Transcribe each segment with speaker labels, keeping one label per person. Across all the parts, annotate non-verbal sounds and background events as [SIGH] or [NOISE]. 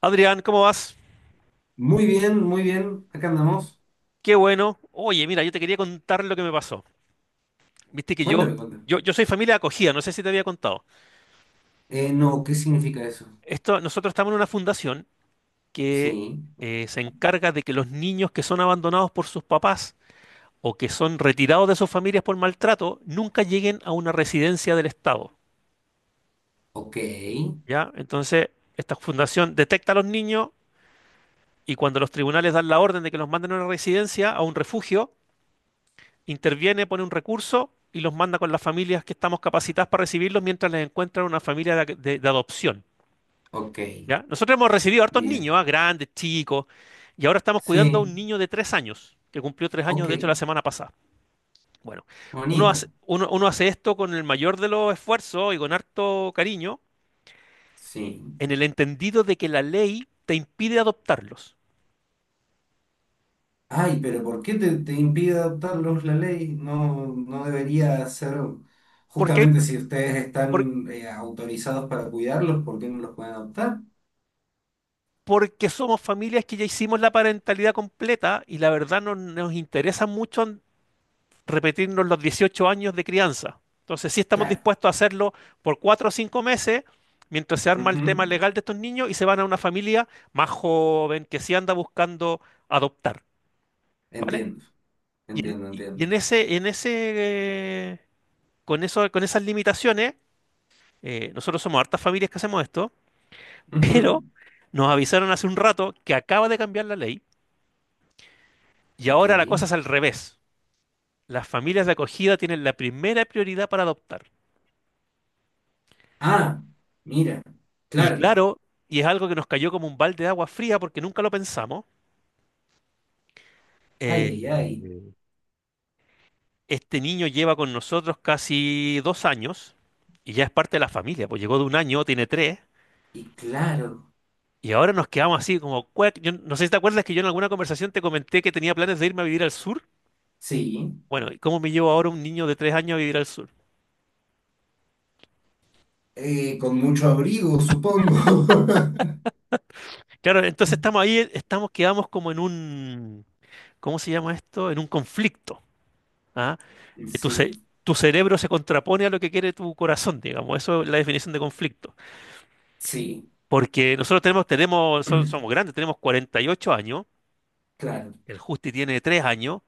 Speaker 1: Adrián, ¿cómo vas?
Speaker 2: Muy bien, muy bien. Acá andamos.
Speaker 1: Qué bueno. Oye, mira, yo te quería contar lo que me pasó. Viste que yo,
Speaker 2: Cuéntame, cuéntame.
Speaker 1: yo, yo soy familia de acogida, no sé si te había contado.
Speaker 2: No, ¿qué significa eso?
Speaker 1: Esto, nosotros estamos en una fundación que
Speaker 2: Sí,
Speaker 1: se encarga de que los niños que son abandonados por sus papás o que son retirados de sus familias por maltrato nunca lleguen a una residencia del Estado.
Speaker 2: ok,
Speaker 1: ¿Ya? Entonces, esta fundación detecta a los niños y cuando los tribunales dan la orden de que los manden a una residencia, a un refugio, interviene, pone un recurso y los manda con las familias que estamos capacitadas para recibirlos mientras les encuentran una familia de adopción.
Speaker 2: ok,
Speaker 1: ¿Ya? Nosotros hemos recibido hartos niños,
Speaker 2: bien.
Speaker 1: ¿ah? Grandes, chicos, y ahora estamos cuidando a
Speaker 2: Sí,
Speaker 1: un niño de tres años, que cumplió tres años,
Speaker 2: ok,
Speaker 1: de hecho, la semana pasada. Bueno, uno hace,
Speaker 2: bonita.
Speaker 1: uno, uno hace esto con el mayor de los esfuerzos y con harto cariño,
Speaker 2: Sí.
Speaker 1: en el entendido de que la ley te impide adoptarlos.
Speaker 2: Ay, pero ¿por qué te impide adoptarlos la ley? No, no debería ser,
Speaker 1: Porque
Speaker 2: justamente si ustedes
Speaker 1: por-
Speaker 2: están autorizados para cuidarlos, ¿por qué no los pueden adoptar?
Speaker 1: porque somos familias que ya hicimos la parentalidad completa y la verdad no nos interesa mucho repetirnos los 18 años de crianza. Entonces, sí estamos
Speaker 2: Claro.
Speaker 1: dispuestos a hacerlo por cuatro o cinco meses, mientras se arma el
Speaker 2: Ujú.
Speaker 1: tema legal de estos niños y se van a una familia más joven que sí anda buscando adoptar, ¿vale?
Speaker 2: Entiendo,
Speaker 1: Y en,
Speaker 2: entiendo,
Speaker 1: y
Speaker 2: entiendo.
Speaker 1: en ese, en ese, eh, con eso, con esas limitaciones, nosotros somos hartas familias que hacemos esto, [LAUGHS] pero
Speaker 2: Ujú.
Speaker 1: nos avisaron hace un rato que acaba de cambiar la ley y
Speaker 2: Ok.
Speaker 1: ahora la cosa es al revés. Las familias de acogida tienen la primera prioridad para adoptar.
Speaker 2: Ah, mira.
Speaker 1: Y
Speaker 2: Claro.
Speaker 1: claro, y es algo que nos cayó como un balde de agua fría porque nunca lo pensamos.
Speaker 2: Ay,
Speaker 1: eh,
Speaker 2: ay, ay.
Speaker 1: este niño lleva con nosotros casi dos años y ya es parte de la familia, pues llegó de un año, tiene tres,
Speaker 2: Y claro,
Speaker 1: y ahora nos quedamos así como, cuec. Yo no sé si te acuerdas que yo en alguna conversación te comenté que tenía planes de irme a vivir al sur.
Speaker 2: sí.
Speaker 1: Bueno, ¿y cómo me llevo ahora un niño de tres años a vivir al sur?
Speaker 2: Con mucho abrigo, supongo.
Speaker 1: Claro, entonces
Speaker 2: [LAUGHS]
Speaker 1: estamos ahí, estamos, quedamos como en un, ¿cómo se llama esto? En un conflicto, ¿ah? que tu, ce-
Speaker 2: Sí,
Speaker 1: Tu cerebro se contrapone a lo que quiere tu corazón, digamos. Eso es la definición de conflicto.
Speaker 2: sí.
Speaker 1: Porque nosotros somos
Speaker 2: [CLEARS THROAT]
Speaker 1: grandes, tenemos 48 años,
Speaker 2: Claro,
Speaker 1: el Justi tiene 3 años,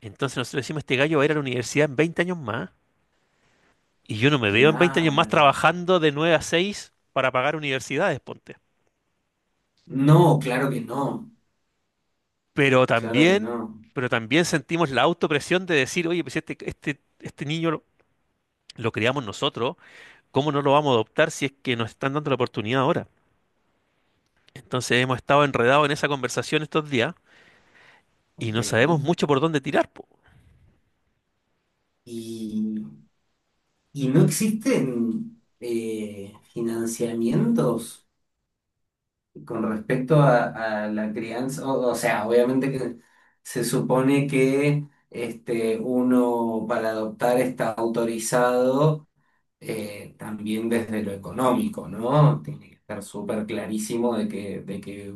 Speaker 1: entonces nosotros decimos, este gallo va a ir a la universidad en 20 años más, y yo no me veo en 20 años más
Speaker 2: claro.
Speaker 1: trabajando de 9 a 6 para pagar universidades, ponte.
Speaker 2: No, claro que no.
Speaker 1: Pero
Speaker 2: Claro que
Speaker 1: también,
Speaker 2: no.
Speaker 1: pero también sentimos la autopresión de decir, oye, pues este niño lo criamos nosotros, ¿cómo no lo vamos a adoptar si es que nos están dando la oportunidad ahora? Entonces hemos estado enredados en esa conversación estos días y
Speaker 2: Ok.
Speaker 1: no sabemos mucho por dónde tirar, po.
Speaker 2: Y, y no existen financiamientos con respecto a la crianza. O sea, obviamente que se supone que uno para adoptar está autorizado también desde lo económico, ¿no? Tiene que estar súper clarísimo de que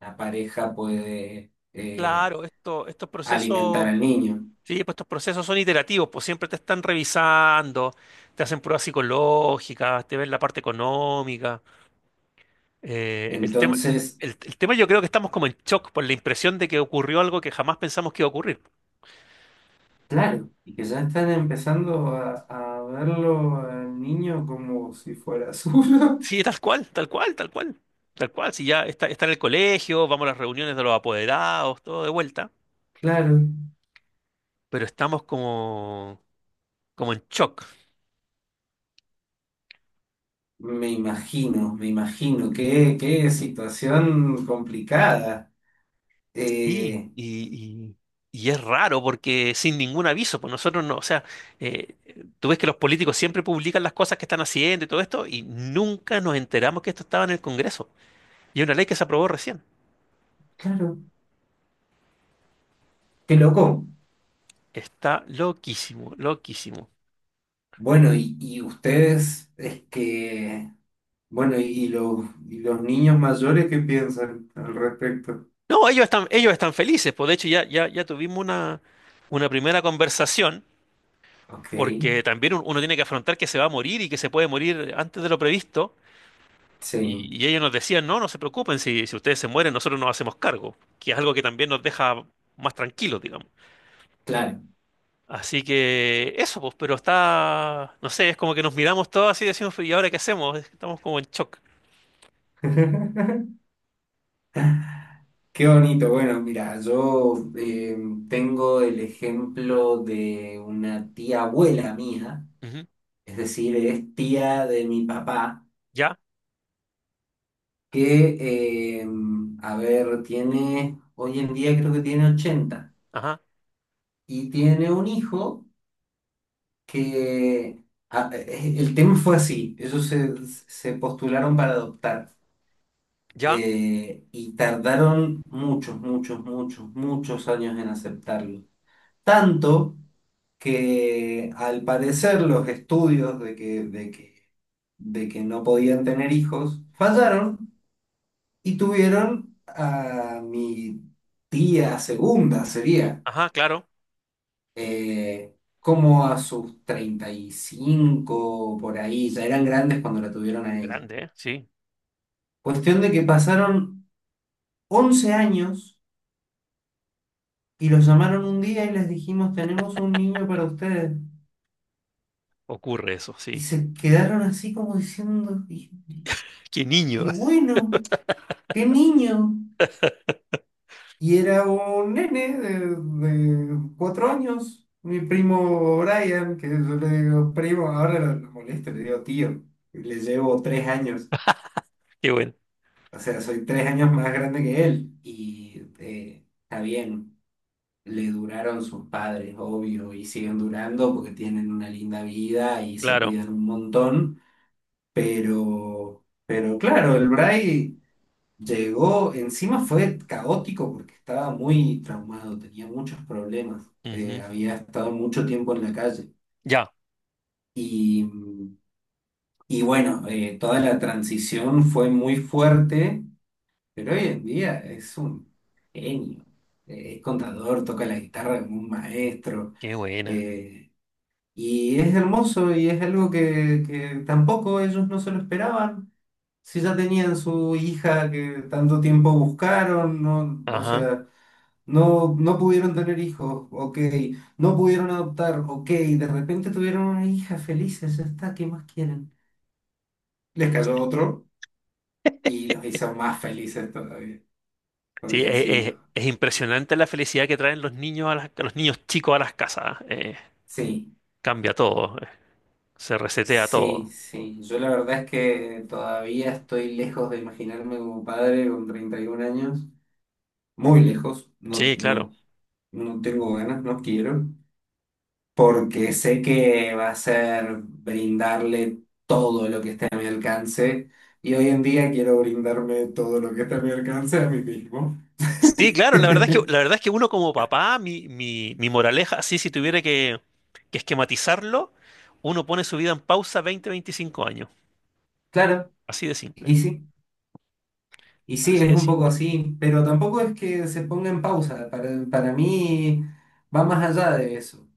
Speaker 2: una pareja puede
Speaker 1: Claro, esto, estos
Speaker 2: alimentar
Speaker 1: procesos.
Speaker 2: al niño.
Speaker 1: Sí, pues estos procesos son iterativos, pues siempre te están revisando, te hacen pruebas psicológicas, te ven la parte económica. Eh, el tema,
Speaker 2: Entonces,
Speaker 1: el tema yo creo que estamos como en shock por la impresión de que ocurrió algo que jamás pensamos que iba a ocurrir.
Speaker 2: claro, y que ya están empezando a verlo al niño como si fuera suyo.
Speaker 1: Sí,
Speaker 2: [LAUGHS]
Speaker 1: tal cual, tal cual, tal cual, tal cual. Si ya está, está en el colegio, vamos a las reuniones de los apoderados, todo de vuelta,
Speaker 2: Claro,
Speaker 1: pero estamos como, como en shock.
Speaker 2: me imagino, qué situación complicada.
Speaker 1: Y,
Speaker 2: Eh,
Speaker 1: y, y- y es raro porque sin ningún aviso, pues nosotros no, o sea, eh, tú ves que los políticos siempre publican las cosas que están haciendo y todo esto, y nunca nos enteramos que esto estaba en el Congreso. Y es una ley que se aprobó recién.
Speaker 2: claro, qué loco.
Speaker 1: Está loquísimo, loquísimo.
Speaker 2: Bueno, y, y ustedes, es que Bueno, y los niños mayores, ¿qué piensan al respecto?
Speaker 1: No, ellos están felices, pues de hecho ya tuvimos una primera conversación,
Speaker 2: Ok,
Speaker 1: porque también uno tiene que afrontar que se va a morir y que se puede morir antes de lo previsto.
Speaker 2: sí,
Speaker 1: Y ellos nos decían, no, no se preocupen, si, si ustedes se mueren, nosotros nos hacemos cargo, que es algo que también nos deja más tranquilos, digamos.
Speaker 2: claro.
Speaker 1: Así que eso, pues, pero está, no sé, es como que nos miramos todos así y decimos, ¿y ahora qué hacemos? Estamos como en shock.
Speaker 2: [LAUGHS] Qué bonito. Bueno, mira, yo tengo el ejemplo de una tía abuela mía,
Speaker 1: Ujú.
Speaker 2: es decir, es tía de mi papá,
Speaker 1: Ya,
Speaker 2: que, a ver, hoy en día creo que tiene 80
Speaker 1: ajá,
Speaker 2: y tiene un hijo que, el tema fue así, ellos se postularon para adoptar.
Speaker 1: ya,
Speaker 2: Y tardaron muchos, muchos, muchos, muchos años en aceptarlo. Tanto que al parecer los estudios de que no podían tener hijos fallaron y tuvieron a mi tía segunda, sería,
Speaker 1: ajá, claro.
Speaker 2: como a sus 35 por ahí, ya eran grandes cuando la tuvieron a ella.
Speaker 1: Grande, ¿eh? Sí,
Speaker 2: Cuestión de que pasaron 11 años. Y los llamaron un día y les dijimos, tenemos un niño para ustedes.
Speaker 1: ocurre eso,
Speaker 2: Y
Speaker 1: sí.
Speaker 2: se quedaron así como diciendo, y,
Speaker 1: Qué niño,
Speaker 2: y bueno, ¿qué niño? Y era un nene de 4 años, mi primo Brian, que yo le digo, primo, ahora lo molesto, le digo, tío, y le llevo 3 años,
Speaker 1: [LAUGHS] qué bueno.
Speaker 2: o sea, soy 3 años más grande que él. Y está bien. Le duraron sus padres, obvio, y siguen durando porque tienen una linda vida y se
Speaker 1: Claro.
Speaker 2: cuidan un montón. Pero claro, el Bray llegó, encima fue caótico porque estaba muy traumado, tenía muchos problemas.
Speaker 1: Ujú.
Speaker 2: Había estado mucho tiempo en la calle.
Speaker 1: Ya,
Speaker 2: Y, y bueno, toda la transición fue muy fuerte, pero hoy en día es un genio. Es contador, toca la guitarra como un maestro.
Speaker 1: qué buena.
Speaker 2: eh, Y es hermoso y es algo que tampoco ellos no se lo esperaban. Si ya tenían su hija que tanto tiempo buscaron, no, o
Speaker 1: Ajá.
Speaker 2: sea, no, no pudieron tener hijos, ok, no pudieron adoptar, ok, de repente tuvieron una hija felices, ya está, ¿qué más quieren? Les cayó otro y los hizo más felices todavía,
Speaker 1: Sí,
Speaker 2: porque sí,
Speaker 1: es, impresionante la felicidad que traen los niños a las- los niños chicos a las casas. ¿Eh?
Speaker 2: sí,
Speaker 1: Cambia todo. Se resetea
Speaker 2: sí,
Speaker 1: todo.
Speaker 2: sí. Yo la verdad es que todavía estoy lejos de imaginarme como padre con 31 años. Muy lejos, no,
Speaker 1: Sí,
Speaker 2: no,
Speaker 1: claro.
Speaker 2: no tengo ganas, no quiero, porque sé que va a ser brindarle todo lo que esté a mi alcance y hoy en día quiero brindarme todo lo que esté a mi alcance a mí mismo.
Speaker 1: Sí, claro, la verdad es que, la
Speaker 2: [LAUGHS]
Speaker 1: verdad es que uno como papá, mi moraleja, así si tuviera que esquematizarlo, uno pone su vida en pausa 20, 25 años.
Speaker 2: Claro,
Speaker 1: Así de simple.
Speaker 2: y sí, y sí,
Speaker 1: Así
Speaker 2: es
Speaker 1: de
Speaker 2: un poco
Speaker 1: simple.
Speaker 2: así, pero tampoco es que se ponga en pausa, para mí va más allá de eso.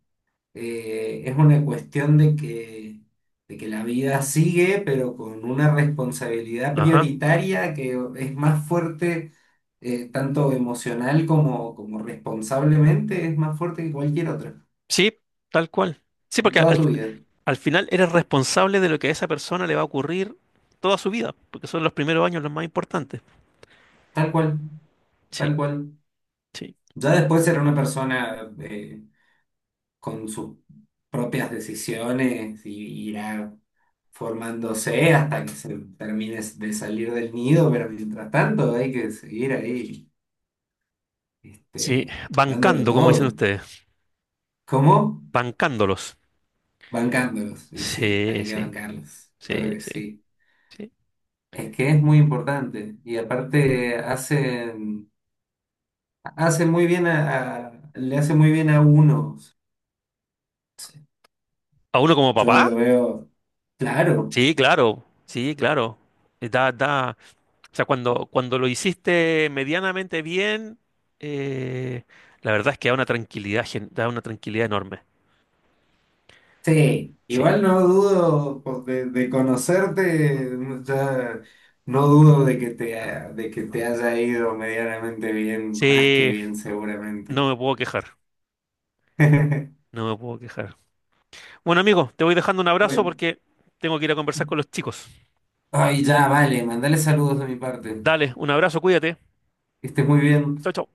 Speaker 2: Es una cuestión de que la vida sigue, pero con una responsabilidad
Speaker 1: Ajá.
Speaker 2: prioritaria que es más fuerte, tanto emocional como, responsablemente, es más fuerte que cualquier otra,
Speaker 1: Sí, tal cual. Sí,
Speaker 2: en
Speaker 1: porque
Speaker 2: toda tu vida,
Speaker 1: al final eres responsable de lo que a esa persona le va a ocurrir toda su vida, porque son los primeros años los más importantes.
Speaker 2: tal cual,
Speaker 1: Sí,
Speaker 2: tal cual.
Speaker 1: sí.
Speaker 2: Ya después será una persona con sus propias decisiones y irá formándose hasta que se termine de salir del nido, pero mientras tanto hay que seguir ahí.
Speaker 1: Sí,
Speaker 2: Dándolo
Speaker 1: bancando, como dicen
Speaker 2: todo.
Speaker 1: ustedes,
Speaker 2: ¿Cómo?
Speaker 1: bancándolos.
Speaker 2: Bancándolos. Y sí,
Speaker 1: Sí,
Speaker 2: hay que
Speaker 1: sí,
Speaker 2: bancarlos.
Speaker 1: sí,
Speaker 2: Claro que
Speaker 1: sí,
Speaker 2: sí.
Speaker 1: sí.
Speaker 2: Es que es muy importante. Y aparte hacen muy bien a, le hace muy bien a unos.
Speaker 1: ¿A uno como
Speaker 2: Yo
Speaker 1: papá?
Speaker 2: lo veo. Claro.
Speaker 1: Sí, claro, sí, claro. Eh, Da, da, o sea, cuando, cuando lo hiciste medianamente bien, eh, la verdad es que da una tranquilidad, da una tranquilidad enorme.
Speaker 2: Sí.
Speaker 1: Sí,
Speaker 2: Igual no dudo de conocerte, ya no dudo de que de que te haya ido medianamente bien, más que
Speaker 1: sí,
Speaker 2: bien seguramente.
Speaker 1: no me puedo quejar,
Speaker 2: [LAUGHS]
Speaker 1: no me puedo quejar. Bueno, amigo, te voy dejando un abrazo
Speaker 2: Bueno.
Speaker 1: porque tengo que ir a conversar con los chicos.
Speaker 2: Ay, ya, vale, mandale saludos de mi parte.
Speaker 1: Dale, un abrazo, cuídate.
Speaker 2: Que estés muy
Speaker 1: Chao,
Speaker 2: bien.
Speaker 1: chao.